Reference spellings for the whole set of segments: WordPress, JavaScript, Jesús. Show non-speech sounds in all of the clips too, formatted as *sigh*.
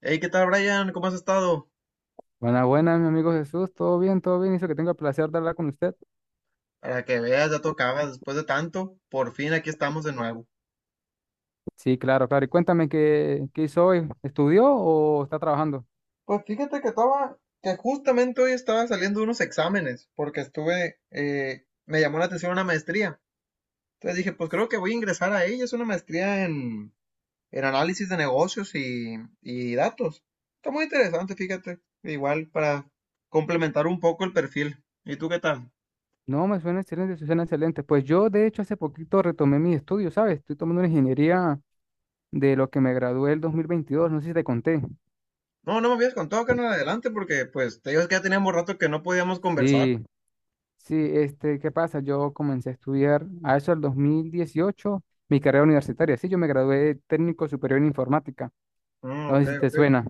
Hey, ¿qué tal, Brian? ¿Cómo has estado? Buenas, buenas, mi amigo Jesús. ¿Todo bien? ¿Todo bien? Hizo que tenga el placer de hablar con usted. Para que veas, ya tocaba después de tanto. Por fin aquí estamos de nuevo. Sí, claro, claro. Y cuéntame, ¿qué hizo hoy? ¿Estudió o está trabajando? Pues fíjate que estaba, que justamente hoy estaba saliendo unos exámenes, porque estuve, me llamó la atención una maestría. Entonces dije, pues creo que voy a ingresar a ella. Es una maestría en análisis de negocios y datos. Está muy interesante, fíjate. Igual para complementar un poco el perfil. ¿Y tú qué tal? No, me suena excelente, suena excelente. Pues yo, de hecho, hace poquito retomé mis estudios, ¿sabes? Estoy tomando una ingeniería de lo que me gradué el 2022. No sé si te conté. No, no me habías contado, carnal, adelante, porque pues te digo es que ya teníamos rato que no podíamos conversar. Sí, sí, este, ¿qué pasa? Yo comencé a estudiar a eso el 18 mi carrera universitaria. Sí, yo me gradué de técnico superior en informática. Mm, No ok, sé si te ok. suena.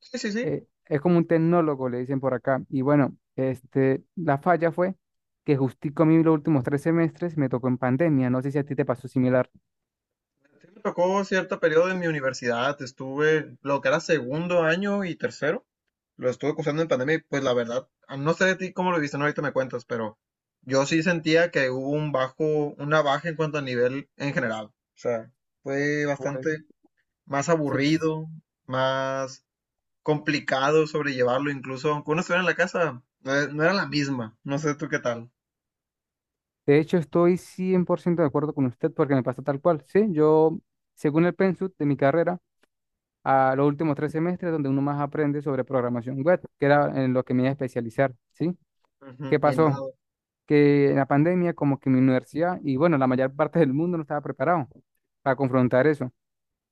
Sí, sí, sí. Es como un tecnólogo, le dicen por acá. Y bueno, este, la falla fue que justico a mí los últimos 3 semestres me tocó en pandemia. No sé si a ti te pasó similar. Sí, me tocó cierto periodo en mi universidad. Estuve lo que era segundo año y tercero. Lo estuve cursando en pandemia y pues la verdad, ah, no sé de ti cómo lo viste, no ahorita me cuentas, pero yo sí sentía que hubo un bajo, una baja en cuanto a nivel en general. O sea, fue Pues, bastante más sí. aburrido, más complicado sobrellevarlo, incluso aunque uno estuviera en la casa, no era la misma. No sé tú qué tal. De hecho, estoy 100% de acuerdo con usted porque me pasó tal cual. Sí, yo, según el pensum de mi carrera, a los últimos 3 semestres donde uno más aprende sobre programación web, que era en lo que me iba a especializar, ¿sí? Ujú. ¿Qué Y pasó? nada. Que en la pandemia, como que mi universidad y bueno, la mayor parte del mundo no estaba preparado para confrontar eso.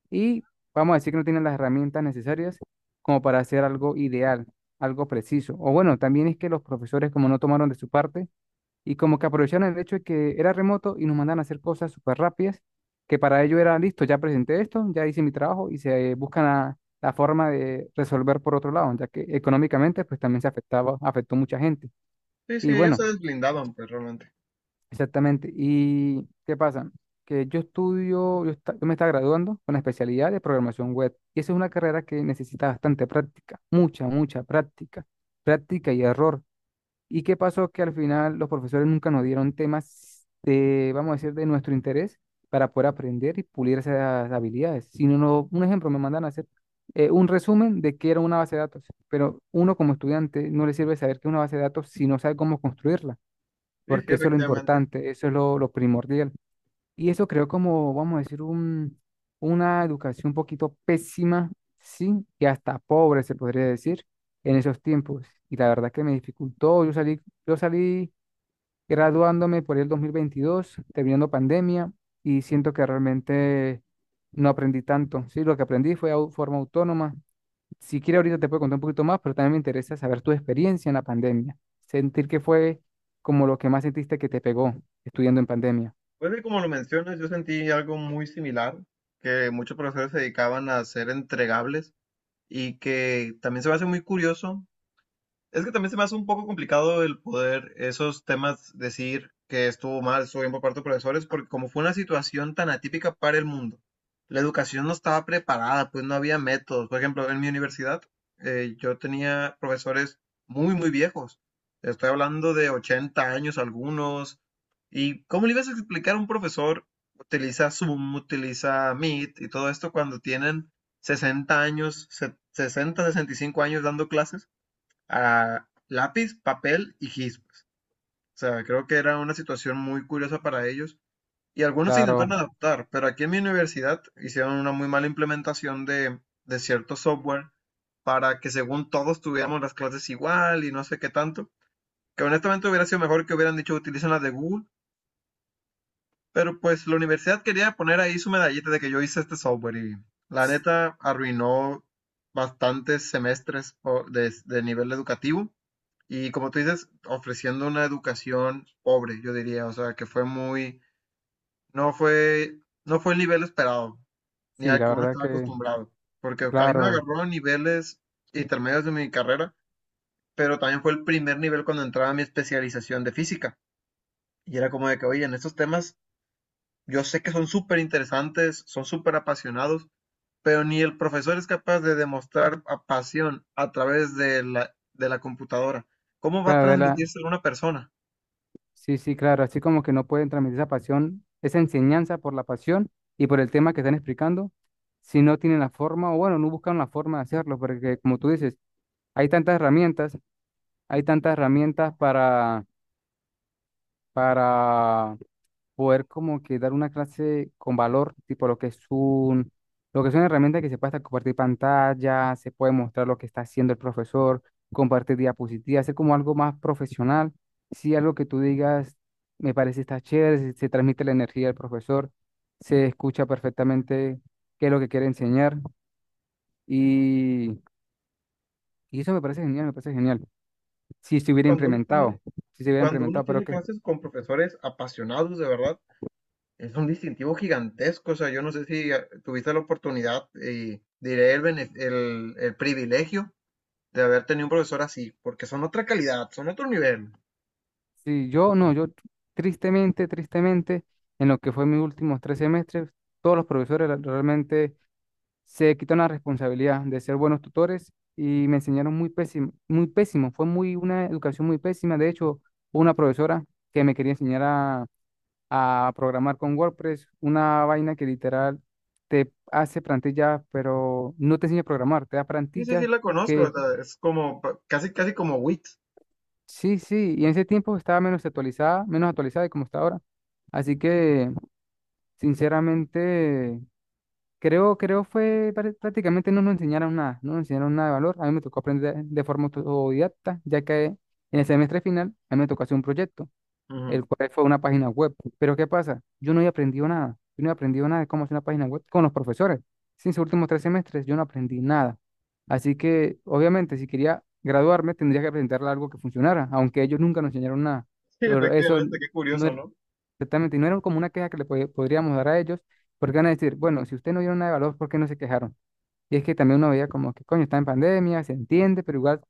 Y vamos a decir que no tienen las herramientas necesarias como para hacer algo ideal, algo preciso. O bueno, también es que los profesores como no tomaron de su parte y como que aprovecharon el hecho de que era remoto y nos mandan a hacer cosas súper rápidas, que para ello era listo, ya presenté esto, ya hice mi trabajo y se buscan la forma de resolver por otro lado, ya que económicamente pues también se afectaba, afectó mucha gente. Sí, Y sí, ellos bueno. se desblindaban, pues realmente. Exactamente. ¿Y qué pasa? Que yo estudio, yo, yo me estaba graduando con la especialidad de programación web. Y esa es una carrera que necesita bastante práctica, mucha, mucha práctica, práctica y error. ¿Y qué pasó? Que al final los profesores nunca nos dieron temas de, vamos a decir, de nuestro interés para poder aprender y pulir esas habilidades. Si no, un ejemplo, me mandan a hacer un resumen de qué era una base de datos, pero uno como estudiante no le sirve saber qué es una base de datos si no sabe cómo construirla Sí, sí, porque eso es lo efectivamente. importante, eso es lo primordial. Y eso creo como, vamos a decir, una educación un poquito pésima, sí, y hasta pobre se podría decir en esos tiempos. Y la verdad que me dificultó, yo salí graduándome por ahí el 2022 terminando pandemia, y siento que realmente no aprendí tanto, sí, lo que aprendí fue de forma autónoma, si quiere ahorita te puedo contar un poquito más, pero también me interesa saber tu experiencia en la pandemia. Sentir que fue como lo que más sentiste que te pegó estudiando en pandemia. Pues sí, como lo mencionas, yo sentí algo muy similar, que muchos profesores se dedicaban a hacer entregables, y que también se me hace muy curioso es que también se me hace un poco complicado el poder esos temas decir que estuvo mal, estuvo bien por parte de profesores, porque como fue una situación tan atípica para el mundo, la educación no estaba preparada, pues no había métodos. Por ejemplo, en mi universidad, yo tenía profesores muy viejos. Estoy hablando de 80 años algunos. ¿Y cómo le ibas a explicar a un profesor? Utiliza Zoom, utiliza Meet y todo esto cuando tienen 60 años, 60, 65 años dando clases a lápiz, papel y gispas. O sea, creo que era una situación muy curiosa para ellos y algunos se Claro, intentaron adaptar, pero aquí en mi universidad hicieron una muy mala implementación de cierto software para que según todos tuviéramos las clases igual y no sé qué tanto, que honestamente hubiera sido mejor que hubieran dicho utilicen las de Google, pero pues la universidad quería poner ahí su medallita de que yo hice este software y la neta arruinó bastantes semestres de nivel educativo. Y como tú dices, ofreciendo una educación pobre, yo diría, o sea, que fue muy, no fue, no fue el nivel esperado, ni sí, al la que uno verdad estaba que, acostumbrado, porque a mí me claro, agarró a niveles intermedios de mi carrera, pero también fue el primer nivel cuando entraba a mi especialización de física. Y era como de que, oye, en estos temas yo sé que son súper interesantes, son súper apasionados, pero ni el profesor es capaz de demostrar pasión a través de de la computadora. ¿Cómo va a claro, transmitirse a una persona? sí, sí, claro, así como que no pueden transmitir esa pasión, esa enseñanza por la pasión y por el tema que están explicando, si no tienen la forma, o bueno, no buscan la forma de hacerlo, porque como tú dices, hay tantas herramientas, hay tantas herramientas para, poder como que dar una clase con valor, tipo lo que es lo que es una herramienta que se puede hasta compartir pantalla, se puede mostrar lo que está haciendo el profesor, compartir diapositivas, hacer como algo más profesional. Si algo que tú digas me parece está chévere, se transmite la energía del profesor, se escucha perfectamente qué es lo que quiere enseñar y, y eso me parece genial, me parece genial. Si se hubiera Cuando uno tiene implementado, si se hubiera Cuando uno implementado, pero tiene que. clases con profesores apasionados, de verdad, es un distintivo gigantesco. O sea, yo no sé si tuviste la oportunidad y diré el privilegio de haber tenido un profesor así, porque son otra calidad, son otro nivel. Sí, yo no, yo tristemente, tristemente, en lo que fue mis últimos 3 semestres, todos los profesores realmente se quitaron la responsabilidad de ser buenos tutores y me enseñaron muy pésimo, fue muy una educación muy pésima. De hecho, hubo una profesora que me quería enseñar a programar con WordPress, una vaina que literal te hace plantillas, pero no te enseña a programar, te da Sí, sí, sí, plantillas. la conozco. O sea, es como casi, casi como WIT. Sí, sí, y en ese tiempo estaba menos actualizada de como está ahora. Así que, sinceramente, creo fue prácticamente no nos enseñaron nada, no nos enseñaron nada de valor. A mí me tocó aprender de forma autodidacta, ya que en el semestre final, a mí me tocó hacer un proyecto Ujú. el cual fue una página web. Pero ¿qué pasa? Yo no había aprendido nada. Yo no había aprendido nada de cómo hacer una página web con los profesores. Sin sus últimos 3 semestres, yo no aprendí nada. Así que, obviamente, si quería graduarme, tendría que presentarle algo que funcionara, aunque ellos nunca nos enseñaron nada. Sí, Pero eso efectivamente, qué no curioso, era ¿no? exactamente, no era como una queja que le podríamos dar a ellos, porque van a decir, bueno, si ustedes no dieron nada de valor, ¿por qué no se quejaron? Y es que también uno veía como que, coño, está en pandemia, se entiende, pero igual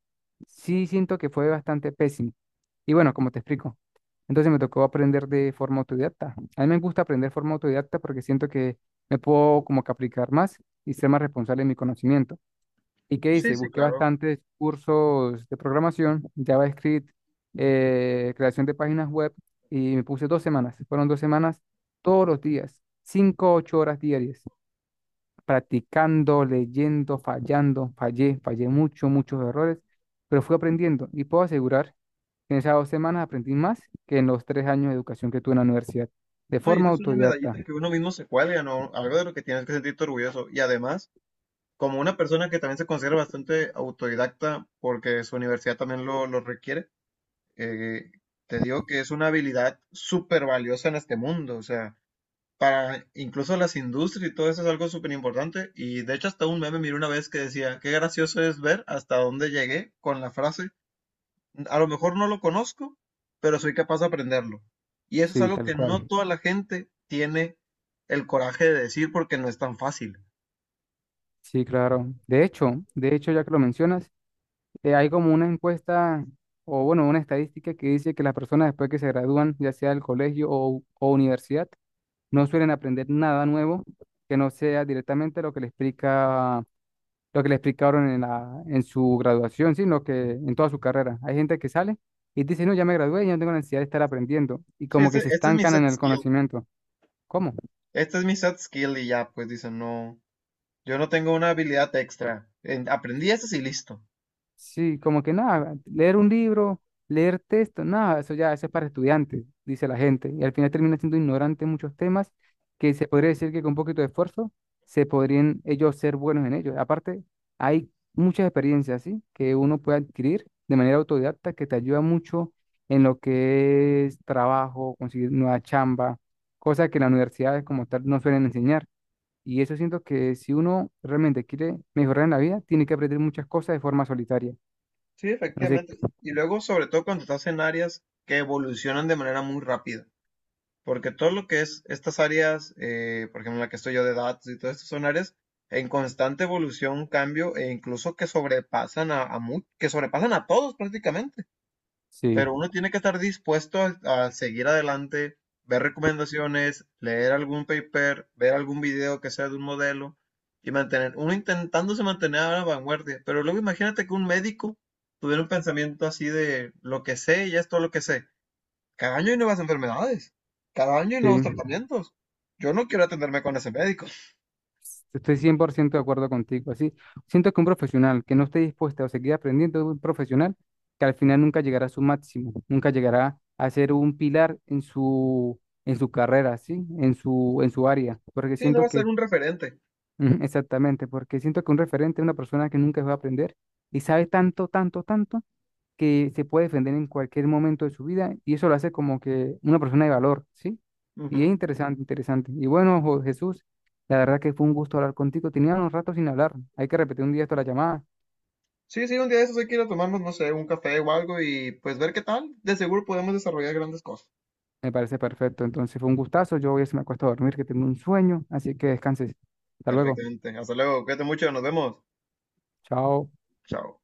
sí siento que fue bastante pésimo. Y bueno, como te explico, entonces me tocó aprender de forma autodidacta. A mí me gusta aprender de forma autodidacta porque siento que me puedo como que aplicar más y ser más responsable en mi conocimiento. ¿Y qué Sí, hice? sí, Busqué claro. bastantes cursos de programación, JavaScript, creación de páginas web y me puse 2 semanas. Fueron 2 semanas todos los días, 5, 8 horas diarias practicando, leyendo, fallando, fallé, fallé mucho, muchos errores, pero fui aprendiendo y puedo asegurar que en esas 2 semanas aprendí más que en los 3 años de educación que tuve en la universidad, de No, y eso forma es una autodidacta, medallita que uno mismo se cuelga, ¿no? Algo de lo que tienes que sentirte orgulloso. Y además, como una persona que también se considera bastante autodidacta porque su universidad también lo requiere, eh, te digo que es una habilidad súper valiosa en este mundo, o sea, para incluso las industrias y todo eso es algo súper importante, y de hecho hasta un meme miré una vez que decía, qué gracioso es ver hasta dónde llegué con la frase, a lo mejor no lo conozco, pero soy capaz de aprenderlo. Y eso es sí, algo tal que no cual, toda la gente tiene el coraje de decir, porque no es tan fácil. sí, claro. De hecho, ya que lo mencionas, hay como una encuesta o bueno, una estadística que dice que las personas después que se gradúan, ya sea del colegio o universidad, no suelen aprender nada nuevo que no sea directamente lo que le explica lo que le explicaron en su graduación, sino que en toda su carrera. Hay gente que sale y dice, no, ya me gradué, ya no tengo necesidad de estar aprendiendo. Y Sí, como este, que se este es mi estancan en set el skill. conocimiento. ¿Cómo? Esta es mi set skill y ya, pues dice, no, yo no tengo una habilidad extra. Aprendí estas y listo. Sí, como que nada, leer un libro, leer texto, nada, eso ya eso es para estudiantes, dice la gente. Y al final termina siendo ignorante en muchos temas que se podría decir que con un poquito de esfuerzo se podrían ellos ser buenos en ellos. Aparte, hay muchas experiencias, ¿sí? que uno puede adquirir de manera autodidacta que te ayuda mucho en lo que es trabajo, conseguir nueva chamba, cosas que en las universidades como tal no suelen enseñar. Y eso siento que si uno realmente quiere mejorar en la vida, tiene que aprender muchas cosas de forma solitaria. Sí, Así efectivamente. que Y luego, sobre todo cuando estás en áreas que evolucionan de manera muy rápida. Porque todo lo que es estas áreas, por ejemplo, la que estoy yo de datos y todo esto, son áreas en constante evolución, cambio, e incluso que sobrepasan que sobrepasan a todos prácticamente. sí, Pero uno tiene que estar dispuesto a seguir adelante, ver recomendaciones, leer algún paper, ver algún video que sea de un modelo y mantener, uno intentándose mantener a la vanguardia. Pero luego imagínate que un médico tuviera un pensamiento así de lo que sé, ya es todo lo que sé. Cada año hay nuevas enfermedades, cada año hay nuevos sí, tratamientos. Yo no quiero atenderme con ese médico. estoy 100% de acuerdo contigo. Así, siento que un profesional que no esté dispuesto a seguir aprendiendo es un profesional que al final nunca llegará a su máximo, nunca llegará a ser un pilar en su carrera, ¿sí? En su área. Porque Sí, no siento va a ser que, un referente. *laughs* ujú, exactamente, porque siento que un referente es una persona que nunca va a aprender y sabe tanto, tanto, tanto que se puede defender en cualquier momento de su vida y eso lo hace como que una persona de valor, ¿sí? Y es Ujú. interesante, interesante. Y bueno, Jesús, la verdad que fue un gusto hablar contigo. Tenía unos ratos sin hablar. Hay que repetir un día esto la llamada. Sí, sí, un día de esos hay que ir a tomarnos, no sé, un café o algo y pues ver qué tal. De seguro podemos desarrollar grandes cosas. Me parece perfecto. Entonces fue un gustazo. Yo voy a irse me acuesto a dormir, que tengo un sueño. Así que descanses. Hasta luego. Perfectamente. Hasta luego. Cuídate mucho. Nos vemos. Chao. Chao.